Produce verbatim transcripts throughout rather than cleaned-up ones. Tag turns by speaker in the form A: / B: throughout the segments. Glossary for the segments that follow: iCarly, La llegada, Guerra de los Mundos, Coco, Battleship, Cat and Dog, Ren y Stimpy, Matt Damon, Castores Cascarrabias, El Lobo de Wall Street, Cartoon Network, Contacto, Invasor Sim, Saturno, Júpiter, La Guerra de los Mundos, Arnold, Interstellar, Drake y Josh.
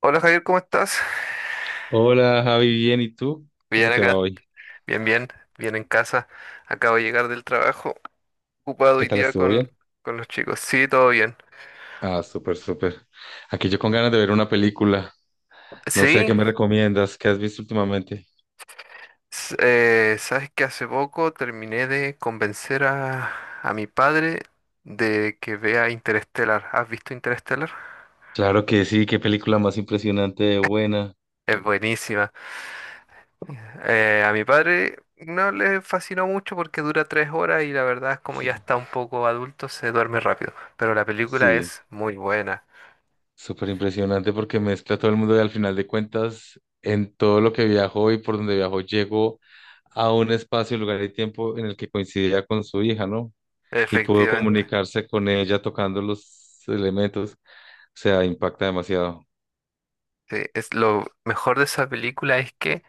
A: Hola Javier, ¿cómo estás?
B: Hola Javi, bien, ¿y tú? ¿Cómo
A: Bien
B: te va
A: acá,
B: hoy?
A: bien, bien, bien en casa. Acabo de llegar del trabajo, ocupado
B: ¿Qué
A: y
B: tal
A: día
B: estuvo bien?
A: con, con los chicos. Sí, todo bien.
B: Ah, súper, súper. Aquí yo con ganas de ver una película. No sé, ¿qué
A: Sí,
B: me recomiendas? ¿Qué has visto últimamente?
A: s- eh, sabes que hace poco terminé de convencer a, a mi padre de que vea Interestelar. ¿Has visto Interestelar?
B: Claro que sí, qué película más impresionante de buena.
A: Es buenísima. Eh, a mi padre no le fascinó mucho porque dura tres horas y la verdad es como ya
B: Sí,
A: está un poco adulto, se duerme rápido. Pero la película
B: sí,
A: es muy buena,
B: súper impresionante porque mezcla todo el mundo y al final de cuentas, en todo lo que viajó y por donde viajó, llegó a un espacio, lugar y tiempo en el que coincidía con su hija, ¿no? Y pudo
A: efectivamente.
B: comunicarse con ella tocando los elementos. Sea, impacta demasiado.
A: Sí, es lo mejor de esa película es que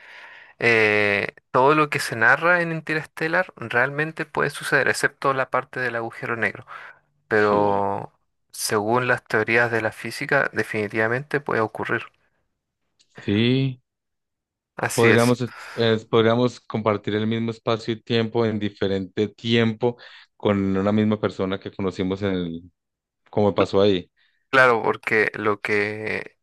A: eh, todo lo que se narra en Interstellar realmente puede suceder, excepto la parte del agujero negro.
B: Sí.
A: Pero según las teorías de la física, definitivamente puede ocurrir.
B: Sí,
A: Así es.
B: podríamos, es- es- podríamos compartir el mismo espacio y tiempo en diferente tiempo con una misma persona que conocimos en el, como pasó ahí.
A: Claro, porque lo que,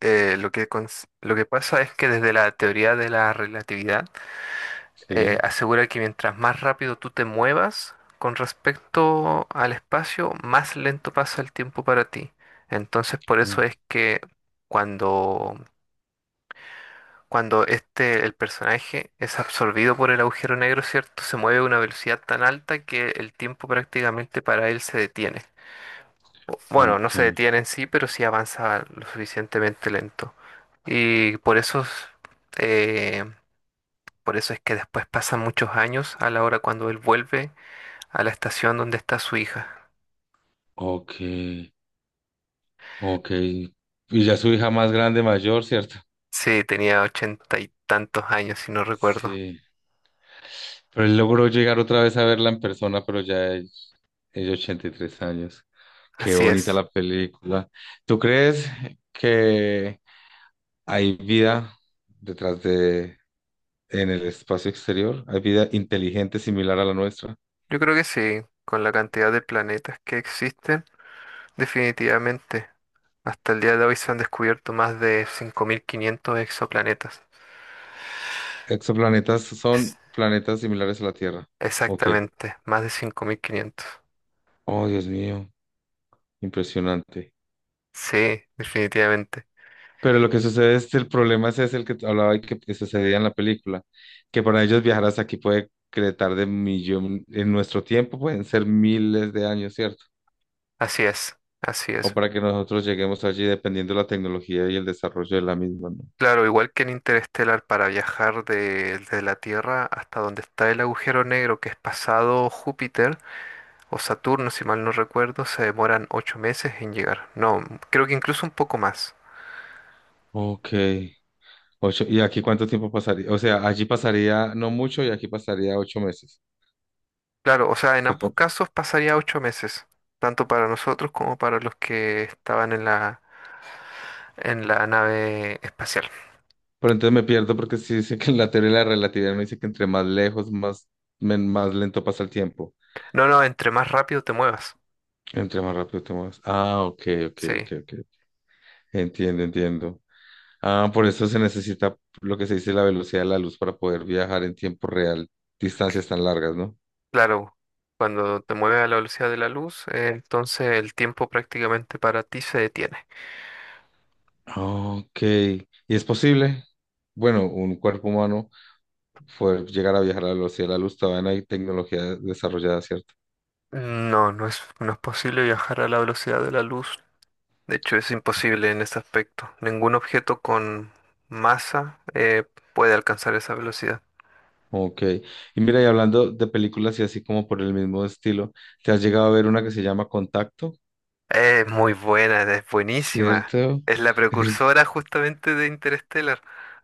A: eh, lo que, cons- lo que pasa es que desde la teoría de la relatividad, eh,
B: Sí.
A: asegura que mientras más rápido tú te muevas con respecto al espacio, más lento pasa el tiempo para ti. Entonces, por eso
B: Oh,
A: es que cuando, cuando este, el personaje es absorbido por el agujero negro, ¿cierto? Se mueve a una velocidad tan alta que el tiempo prácticamente para él se detiene. O- Bueno, no
B: ok,
A: se detiene en sí, pero sí avanza lo suficientemente lento. Y por eso, eh, por eso es que después pasan muchos años a la hora cuando él vuelve a la estación donde está su hija.
B: ok, ok. Y ya su hija más grande, mayor, ¿cierto?
A: Sí, tenía ochenta y tantos años, si no recuerdo.
B: Sí. Pero él logró llegar otra vez a verla en persona, pero ya es, es de ochenta y tres años. Qué
A: Así
B: bonita
A: es.
B: la película. ¿Tú crees que hay vida detrás de, en el espacio exterior, hay vida inteligente similar a la nuestra.
A: Yo creo que sí, con la cantidad de planetas que existen, definitivamente. Hasta el día de hoy se han descubierto más de cinco mil quinientos exoplanetas.
B: Exoplanetas
A: Es-
B: son planetas similares a la Tierra. Ok.
A: Exactamente, más de cinco mil quinientos.
B: Oh, Dios mío, impresionante.
A: Sí, definitivamente.
B: Pero lo que sucede es el problema ese es ese el que te hablaba y que que sucedía en la película, que para ellos viajar hasta aquí puede que le tarde millón, en nuestro tiempo pueden ser miles de años, ¿cierto?
A: Así es, así
B: O
A: es.
B: para que nosotros lleguemos allí dependiendo de la tecnología y el desarrollo de la misma, ¿no?
A: Claro, igual que en Interestelar, para viajar de, de la Tierra hasta donde está el agujero negro que es pasado Júpiter, o Saturno, si mal no recuerdo, se demoran ocho meses en llegar. No, creo que incluso un poco más.
B: Ok. Ocho, ¿y aquí cuánto tiempo pasaría? O sea, allí pasaría no mucho y aquí pasaría ocho meses.
A: Claro, o sea, en
B: ¿O
A: ambos
B: cómo?
A: casos pasaría ocho meses, tanto para nosotros como para los que estaban en la, en la nave espacial.
B: Pero entonces me pierdo porque sí dice que en la teoría de la relatividad me dice que entre más lejos, más, men- más lento pasa el tiempo.
A: No, no, entre más rápido te muevas.
B: Entre más rápido te muevas. Ah, ok, ok,
A: Sí,
B: ok, ok. Entiendo, entiendo. Ah, por eso se necesita lo que se dice la velocidad de la luz para poder viajar en tiempo real, distancias tan largas, ¿no?
A: claro, cuando te mueves a la velocidad de la luz, eh, entonces el tiempo prácticamente para ti se detiene.
B: Ok. ¿Y es posible? Bueno, un cuerpo humano. Fue llegar a viajar a la velocidad de la luz, todavía no hay tecnología desarrollada, ¿cierto?
A: No, no es, no es posible viajar a la velocidad de la luz. De hecho, es imposible en este aspecto. Ningún objeto con masa eh, puede alcanzar esa velocidad.
B: Ok. Y mira, y hablando de películas y así como por el mismo estilo, ¿te has llegado a ver una que se llama Contacto?
A: Es muy buena, es buenísima.
B: ¿Cierto?
A: Es la
B: Es-
A: precursora justamente de Interstellar.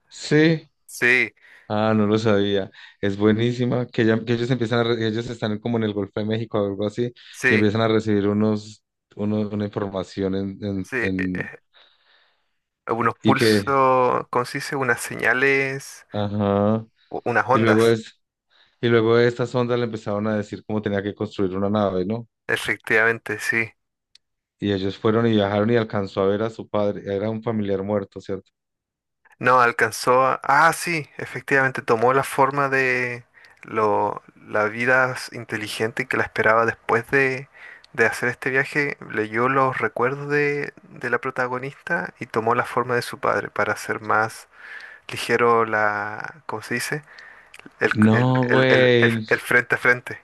B: Sí.
A: Sí,
B: Ah, no lo sabía. Es buenísima. Que, ya- que ellos empiezan a re- ellos están como en el Golfo de México o algo así, y
A: sí,
B: empiezan a recibir unos, uno- una información en, en,
A: sí. eh,
B: en-
A: eh, unos
B: Y que,
A: pulsos, ¿cómo se dice? Unas señales,
B: ajá.
A: u- unas
B: Y luego
A: ondas.
B: es, y luego estas ondas le empezaron a decir cómo tenía que construir una nave, ¿no?
A: Efectivamente, sí.
B: Y ellos fueron y viajaron y alcanzó a ver a su padre. Era un familiar muerto, ¿cierto?
A: No, alcanzó a... Ah, sí, efectivamente, tomó la forma de lo... la vida s- inteligente que la esperaba después de, de hacer este viaje. Leyó los recuerdos de, de la protagonista y tomó la forma de su padre para hacer más ligero la... ¿Cómo se dice? El, el,
B: No,
A: el, el, el- el
B: güey,
A: Buena. Frente a frente.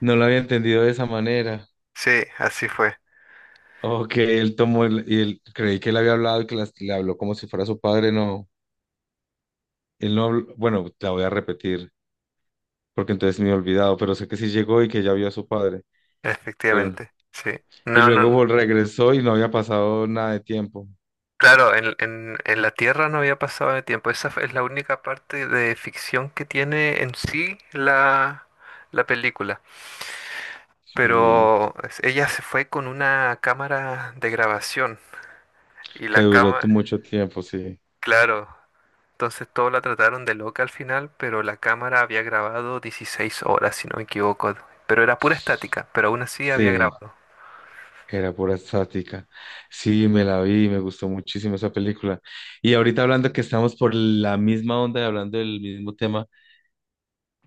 B: no lo había entendido de esa manera.
A: Sí, así fue,
B: O que él tomó el- y él creí que él había hablado y que las- le habló como si fuera su padre. No, él no habló. Bueno, la voy a repetir porque entonces me he olvidado, pero sé que sí llegó y que ya vio a su padre. Pero,
A: efectivamente. Sí.
B: y
A: No, no,
B: luego
A: no.
B: vol- regresó y no había pasado nada de tiempo.
A: Claro, en, en- en la Tierra no había pasado de tiempo. Esa es la única parte de ficción que tiene en sí la, la película.
B: Sí,
A: Pero es- ella se fue con una cámara de grabación y
B: que
A: la
B: duró tu-
A: cámara,
B: mucho tiempo, sí.
A: claro, entonces todos la trataron de loca al final, pero la cámara había grabado dieciséis horas, si no me equivoco. Pero era pura estática, pero aún así había
B: Sí.
A: grabado.
B: Era pura estática. Sí, me la vi, me gustó muchísimo esa película. Y ahorita hablando que estamos por la misma onda y hablando del mismo tema,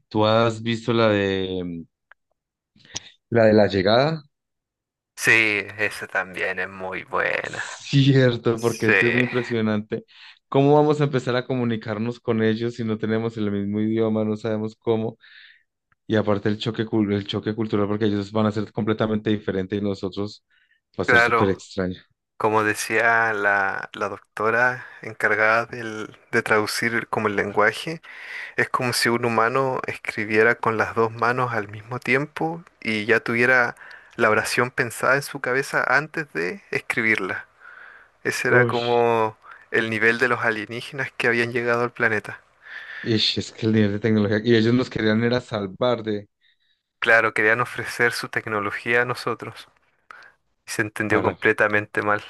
B: ¿tú has visto la de la de la llegada?
A: Sí, esa también es muy buena.
B: Cierto, porque
A: Sí,
B: es que es muy impresionante. ¿Cómo vamos a empezar a comunicarnos con ellos si no tenemos el mismo idioma, no sabemos cómo? Y aparte el choque, cul- el choque cultural, porque ellos van a ser completamente diferentes y nosotros va a ser súper
A: claro.
B: extraño.
A: Como decía la, la doctora encargada del- de traducir el- como el lenguaje, es como si un humano escribiera con las dos manos al mismo tiempo y ya tuviera la oración pensada en su cabeza antes de escribirla. Ese era
B: Uy,
A: como el nivel de los alienígenas que habían llegado al planeta.
B: es que el nivel de tecnología, y ellos nos querían era salvar de,
A: Claro, querían ofrecer su tecnología a nosotros y se entendió
B: para.
A: completamente mal.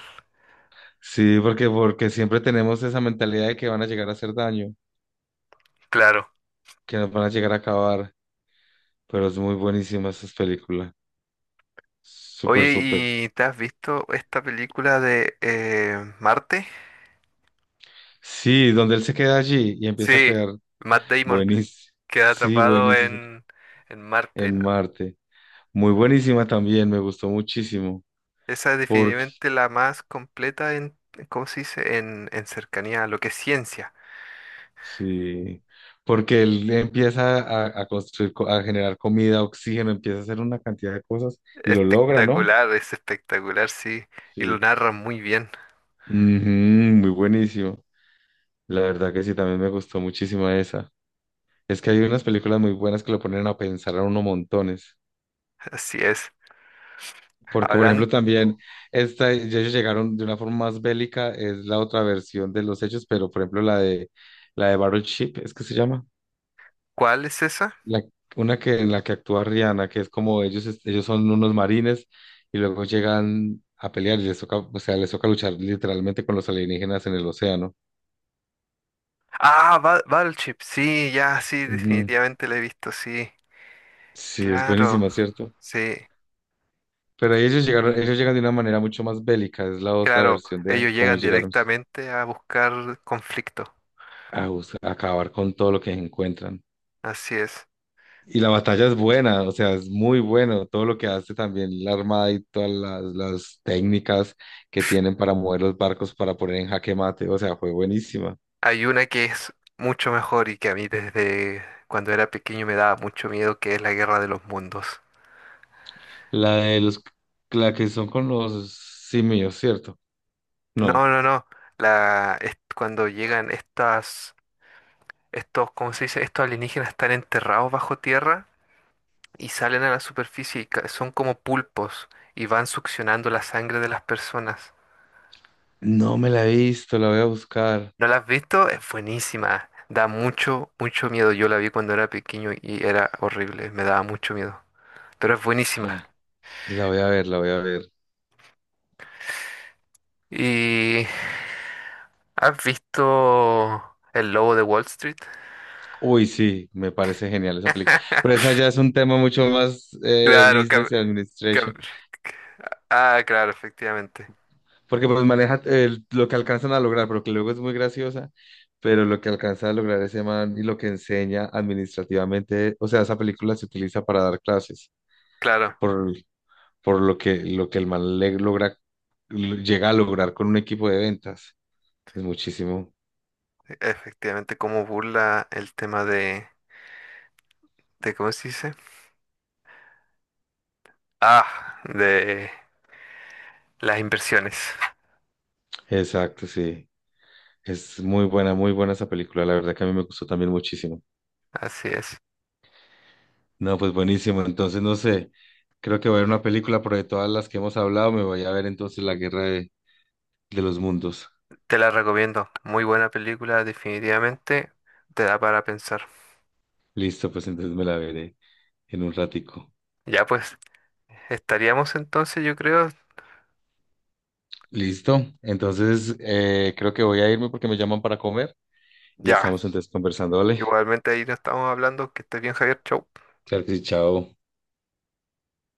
B: Sí, porque, porque siempre tenemos esa mentalidad de que van a llegar a hacer daño,
A: Claro.
B: que nos van a llegar a acabar, pero es muy buenísima esa película. Súper,
A: Oye,
B: súper.
A: ¿y te has visto esta película de eh, Marte?
B: Sí, donde él se queda allí y empieza a
A: Sí,
B: crear.
A: Matt Damon
B: Buenísimo.
A: queda
B: Sí,
A: atrapado
B: buenísimo.
A: en, en Marte. No,
B: En Marte. Muy buenísima también, me gustó muchísimo.
A: esa es
B: Porque,
A: definitivamente la más completa en, ¿cómo se dice? En, en cercanía a lo que es ciencia.
B: sí, porque él empieza a, a construir, co- a generar comida, oxígeno, empieza a hacer una cantidad de cosas y lo logra, ¿no?
A: Espectacular, es espectacular, sí. Y lo
B: Sí.
A: narra muy bien,
B: Ujú, muy buenísimo. La verdad que sí, también me gustó muchísimo esa. Es que hay unas películas muy buenas que lo ponen a pensar a uno montones.
A: así es.
B: Porque, por
A: Hablan,
B: ejemplo, también esta, ya ellos llegaron de una forma más bélica, es la otra versión de los hechos, pero por ejemplo la de la de Battleship, es que se llama,
A: ¿cuál es esa?
B: la, una que en la que actúa Rihanna, que es como ellos, es- ellos son unos marines y luego llegan a pelear y les toca, o sea, les toca luchar literalmente con los alienígenas en el océano.
A: Ah, Ba- Battleship, sí, ya, sí,
B: Ujú.
A: definitivamente la he visto, sí.
B: Sí, es
A: Claro,
B: buenísima, ¿cierto?
A: sí,
B: Pero ahí ellos llegaron, ellos llegan de una manera mucho más bélica, es la otra
A: claro.
B: versión de
A: Ellos
B: cómo
A: llegan
B: llegaron
A: directamente a buscar conflicto,
B: a, bus- a acabar con todo lo que encuentran.
A: así es.
B: Y la batalla es buena, o sea, es muy bueno, todo lo que hace también la armada y todas las, las técnicas que tienen para mover los barcos, para poner en jaque mate, o sea, fue buenísima.
A: Hay una que es mucho mejor y que a mí desde cuando era pequeño me daba mucho miedo, que es la Guerra de los Mundos.
B: La de los, la que son con los simios, ¿cierto?
A: No,
B: No,
A: no, no. La, es cuando llegan estas, estos, ¿cómo se dice? Estos alienígenas están enterrados bajo tierra y salen a la superficie y ca- son como pulpos y van succionando la sangre de las personas.
B: no me la he visto, la voy a buscar.
A: ¿No la has visto? Es buenísima. Da mucho, mucho miedo. Yo la vi cuando era pequeño y era horrible. Me daba mucho miedo. Pero es buenísima.
B: Ah, la voy a ver, la voy a ver.
A: ¿Y has visto El Lobo de Wall Street?
B: Uy, sí, me parece genial esa película. Pero esa ya es un tema mucho más eh,
A: Claro,
B: business
A: cam-
B: y
A: cam-
B: administration,
A: ah, claro, efectivamente.
B: porque pues maneja eh, lo que alcanzan a lograr, pero que luego es muy graciosa, pero lo que alcanza a lograr ese man y lo que enseña administrativamente, o sea, esa película se utiliza para dar clases,
A: Claro,
B: por, por lo que, lo que el man le logra, llega a lograr con un equipo de ventas. Es muchísimo.
A: efectivamente, cómo burla el tema de, de ¿cómo se dice? Ah, de las inversiones.
B: Exacto, sí. Es muy buena, muy buena esa película. La verdad que a mí me gustó también muchísimo.
A: Así es.
B: No, pues buenísimo. Entonces, no sé, creo que voy a ver una película, pero de todas las que hemos hablado, me voy a ver entonces La Guerra de, de los Mundos.
A: Te la recomiendo. Muy buena película, definitivamente. Te da para pensar.
B: Listo, pues entonces me la veré en un ratico.
A: Ya pues, estaríamos entonces, yo creo.
B: Listo. Entonces, eh, creo que voy a irme porque me llaman para comer y
A: Ya.
B: estamos entonces conversando, ¿vale?
A: Igualmente ahí nos estamos hablando. Que estés bien, Javier. Chau.
B: Claro que sí, chao.